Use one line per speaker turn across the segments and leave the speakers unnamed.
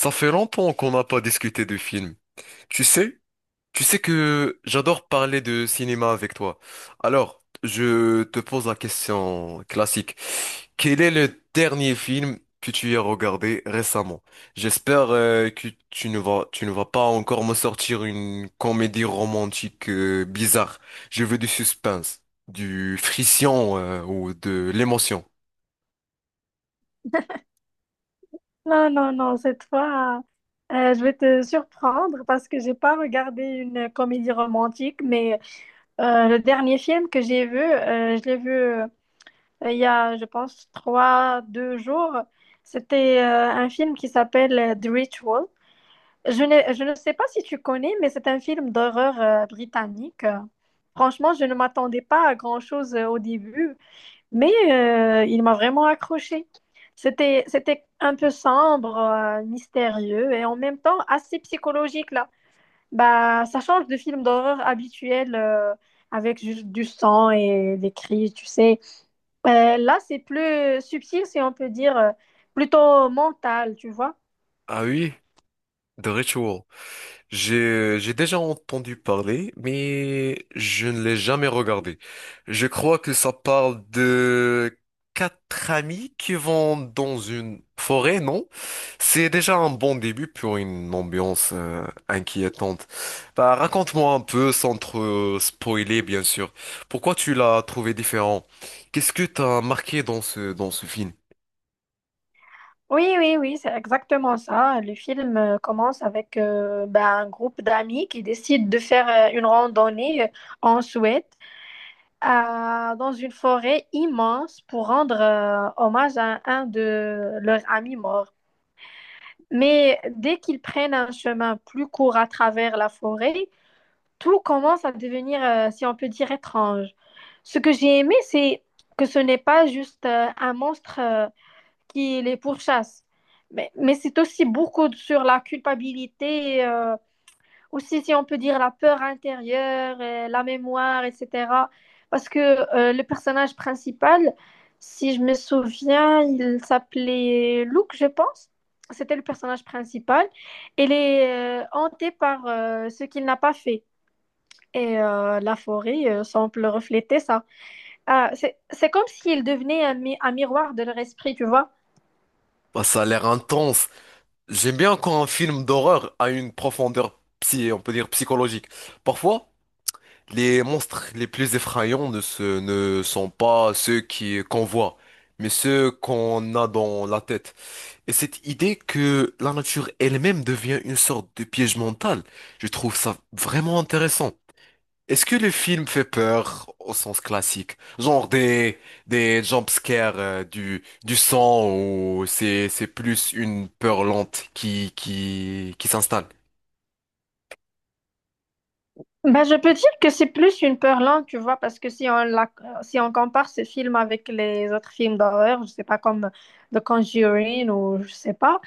Ça fait longtemps qu'on n'a pas discuté de films. Tu sais, tu sais que j'adore parler de cinéma avec toi. Alors, je te pose la question classique. Quel est le dernier film que tu as regardé récemment? J'espère que tu ne vas pas encore me sortir une comédie romantique bizarre. Je veux du suspense, du frisson ou de l'émotion.
Non, non, non, cette fois, je vais te surprendre parce que j'ai pas regardé une comédie romantique, mais le dernier film que j'ai vu, je l'ai vu il y a, je pense, trois, deux jours. C'était un film qui s'appelle The Ritual. Je ne sais pas si tu connais, mais c'est un film d'horreur britannique. Franchement, je ne m'attendais pas à grand-chose au début, mais il m'a vraiment accroché. C'était un peu sombre, mystérieux et en même temps assez psychologique là. Bah, ça change de film d'horreur habituel avec juste du sang et des cris, tu sais. Là, c'est plus subtil, si on peut dire, plutôt mental, tu vois.
Ah oui, The Ritual. J'ai déjà entendu parler, mais je ne l'ai jamais regardé. Je crois que ça parle de quatre amis qui vont dans une forêt, non? C'est déjà un bon début pour une ambiance inquiétante. Bah, raconte-moi un peu, sans trop spoiler, bien sûr. Pourquoi tu l'as trouvé différent? Qu'est-ce que t'as marqué dans dans ce film?
Oui, oui, oui, c'est exactement ça. Le film commence avec bah, un groupe d'amis qui décident de faire une randonnée en Suède. Dans une forêt immense pour rendre hommage à un de leurs amis morts. Mais dès qu'ils prennent un chemin plus court à travers la forêt, tout commence à devenir, si on peut dire, étrange. Ce que j'ai aimé, c'est que ce n'est pas juste un monstre qui les pourchasse, mais c'est aussi beaucoup sur la culpabilité. Aussi si on peut dire la peur intérieure, la mémoire, etc. Parce que le personnage principal, si je me souviens, il s'appelait Luke, je pense. C'était le personnage principal. Il est hanté par ce qu'il n'a pas fait. Et la forêt semble refléter ça. Ah, c'est comme s'il devenait un, un miroir de leur esprit, tu vois.
Bah, ça a l'air intense. J'aime bien quand un film d'horreur a une profondeur psy, on peut dire psychologique. Parfois, les monstres les plus effrayants ne sont pas ceux qu'on voit, mais ceux qu'on a dans la tête. Et cette idée que la nature elle-même devient une sorte de piège mental, je trouve ça vraiment intéressant. Est-ce que le film fait peur au sens classique? Genre des jumpscares du sang ou c'est plus une peur lente qui s'installe?
Ben, je peux dire que c'est plus une peur lente, tu vois, parce que si on compare ce film avec les autres films d'horreur, je sais pas, comme The Conjuring ou je sais pas,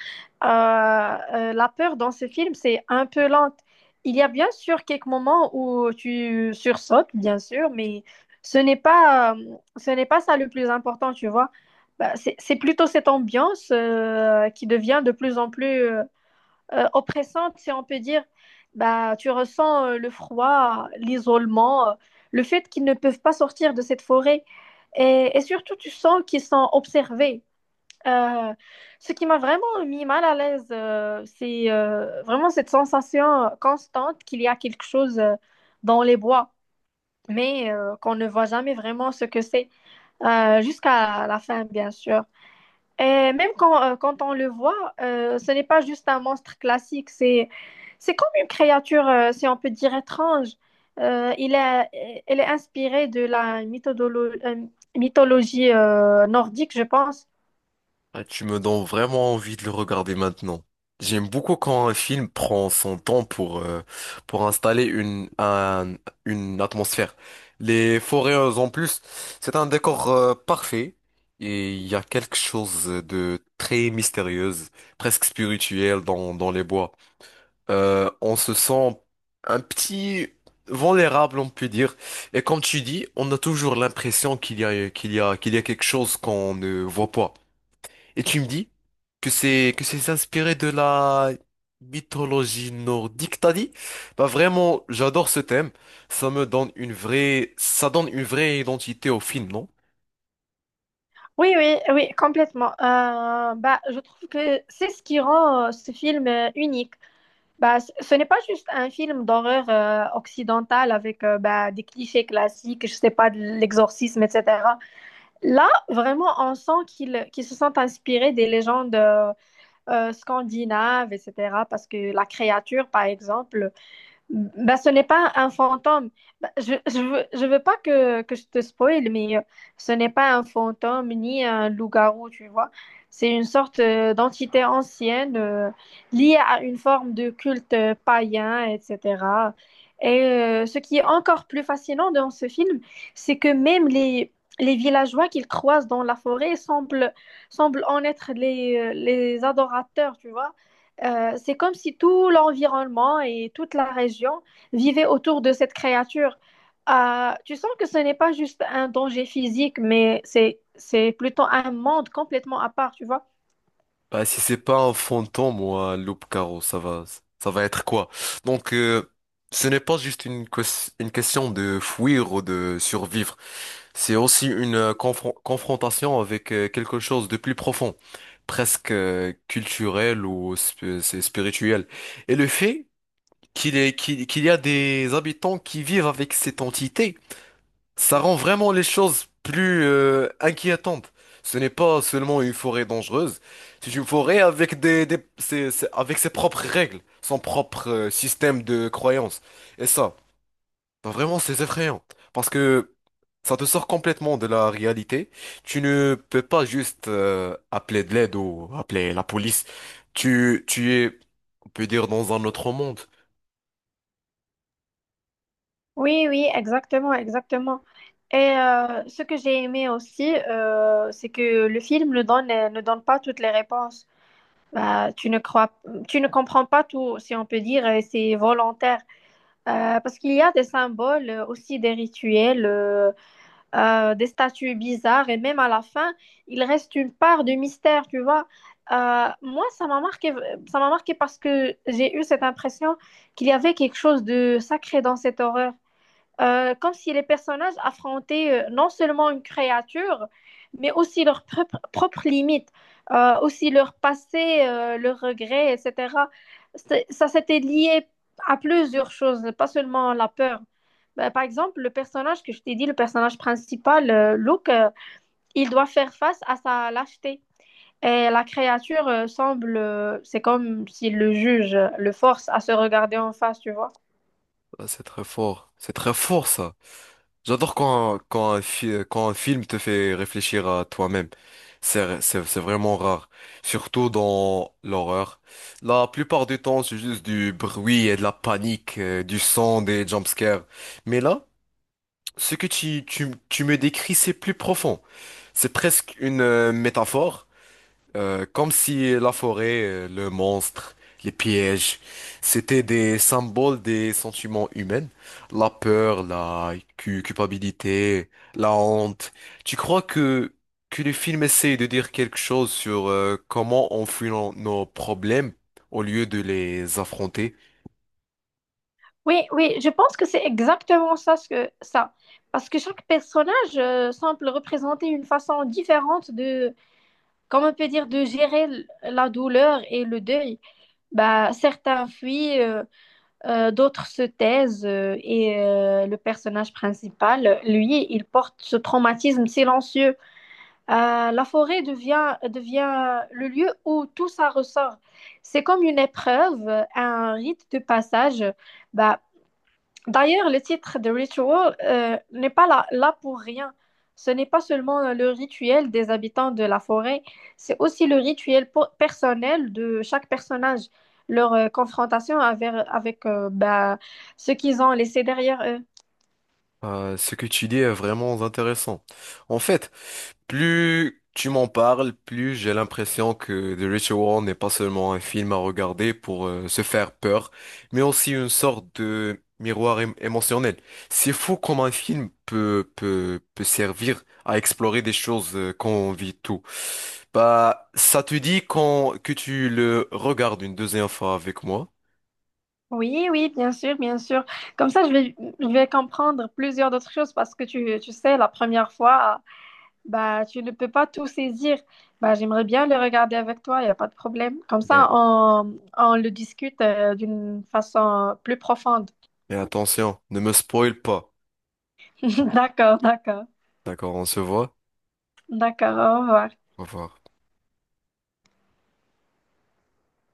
la peur dans ce film, c'est un peu lente. Il y a bien sûr quelques moments où tu sursautes, bien sûr, mais ce n'est pas, euh, ce n'est pas ça le plus important, tu vois. Ben, c'est plutôt cette ambiance, qui devient de plus en plus oppressante, si on peut dire. Bah, tu ressens le froid, l'isolement, le fait qu'ils ne peuvent pas sortir de cette forêt. Et surtout, tu sens qu'ils sont observés. Euh, Ce qui m'a vraiment mis mal à l'aise, c'est vraiment cette sensation constante qu'il y a quelque chose dans les bois, mais qu'on ne voit jamais vraiment ce que c'est, jusqu'à la fin, bien sûr. Et même quand on le voit, ce n'est pas juste un monstre classique, c'est comme une créature, si on peut dire, étrange. Elle est inspirée de la mythologie nordique, je pense.
Ah, tu me donnes vraiment envie de le regarder maintenant. J'aime beaucoup quand un film prend son temps pour installer une atmosphère. Les forêts en plus, c'est un décor parfait et il y a quelque chose de très mystérieuse, presque spirituel dans les bois. On se sent un petit vulnérable, on peut dire. Et comme tu dis, on a toujours l'impression qu'il y a quelque chose qu'on ne voit pas. Et tu me dis que c'est inspiré de la mythologie nordique, t'as dit? Bah vraiment, j'adore ce thème. Ça donne une vraie identité au film, non?
Oui, oui, oui, complètement. Bah, je trouve que c'est ce qui rend ce film unique. Bah, ce n'est pas juste un film d'horreur occidental avec bah, des clichés classiques, je sais pas, de l'exorcisme, etc. Là, vraiment, on sent qu'ils se sont inspirés des légendes scandinaves, etc. Parce que la créature, par exemple, ben, ce n'est pas un fantôme. Ben, je veux pas que je te spoil, mais ce n'est pas un fantôme ni un loup-garou, tu vois. C'est une sorte d'entité ancienne liée à une forme de culte païen, etc. Et ce qui est encore plus fascinant dans ce film, c'est que même les villageois qu'ils croisent dans la forêt semblent en être les adorateurs, tu vois. C'est comme si tout l'environnement et toute la région vivaient autour de cette créature. Tu sens que ce n'est pas juste un danger physique, mais c'est plutôt un monde complètement à part, tu vois.
Bah si c'est pas un fantôme ou un loup caro ça va être quoi? Donc ce n'est pas juste une question de fuir ou de survivre. C'est aussi une confrontation avec quelque chose de plus profond, presque culturel ou c'est spirituel. Et le fait qu'il y a des habitants qui vivent avec cette entité, ça rend vraiment les choses plus inquiétantes. Ce n'est pas seulement une forêt dangereuse, c'est une forêt avec avec ses propres règles, son propre système de croyances. Et ça. Bah, vraiment, c'est effrayant. Parce que ça te sort complètement de la réalité. Tu ne peux pas juste appeler de l'aide ou appeler la police. Tu es, on peut dire, dans un autre monde.
Oui, oui, exactement, exactement. Et ce que j'ai aimé aussi, c'est que le film ne donne pas toutes les réponses. Bah, tu ne comprends pas tout, si on peut dire, et c'est volontaire. Parce qu'il y a des symboles, aussi des rituels. Des statues bizarres et même à la fin, il reste une part de mystère, tu vois. Moi, ça m'a marqué parce que j'ai eu cette impression qu'il y avait quelque chose de sacré dans cette horreur. Comme si les personnages affrontaient non seulement une créature, mais aussi leurs propres limites, aussi leur passé, leurs regrets, etc. Ça s'était lié à plusieurs choses, pas seulement la peur. Ben, par exemple, le personnage que je t'ai dit, le personnage principal, Luke, il doit faire face à sa lâcheté. Et la créature semble, c'est comme si le juge le force à se regarder en face, tu vois.
Ah, c'est très fort. C'est très fort, ça. J'adore quand un film te fait réfléchir à toi-même. C'est vraiment rare. Surtout dans l'horreur. La plupart du temps, c'est juste du bruit et de la panique, du sang, des jumpscares. Mais là, ce que tu me décris, c'est plus profond. C'est presque une métaphore, comme si la forêt, le monstre, les pièges, c'était des symboles des sentiments humains, la peur, culpabilité, la honte. Tu crois que le film essaye de dire quelque chose sur comment on fuit nos problèmes au lieu de les affronter?
Oui, oui, je pense que c'est exactement ça, ça. Parce que chaque personnage semble représenter une façon différente de, comment on peut dire, de gérer la douleur et le deuil. Bah, certains fuient, d'autres se taisent, et le personnage principal, lui, il porte ce traumatisme silencieux. La forêt devient le lieu où tout ça ressort. C'est comme une épreuve, un rite de passage. Bah, d'ailleurs, le titre de Ritual n'est pas là pour rien. Ce n'est pas seulement le rituel des habitants de la forêt, c'est aussi le rituel personnel de chaque personnage, leur confrontation avec bah, ce qu'ils ont laissé derrière eux.
Ce que tu dis est vraiment intéressant. En fait, plus tu m'en parles, plus j'ai l'impression que The Ritual n'est pas seulement un film à regarder pour se faire peur, mais aussi une sorte de miroir émotionnel. C'est fou comment un film peut servir à explorer des choses qu'on vit tout. Bah, ça te dit que tu le regardes une deuxième fois avec moi.
Oui, oui, bien sûr, bien sûr. Comme ça, je vais comprendre plusieurs d'autres choses parce que tu sais, la première fois, bah, tu ne peux pas tout saisir. Bah, j'aimerais bien le regarder avec toi, il n'y a pas de problème. Comme
Mais,
ça, on le discute d'une façon plus profonde.
mais attention, ne me spoil pas.
D'accord, d'accord,
D'accord, on se voit.
d'accord, au revoir.
Au revoir.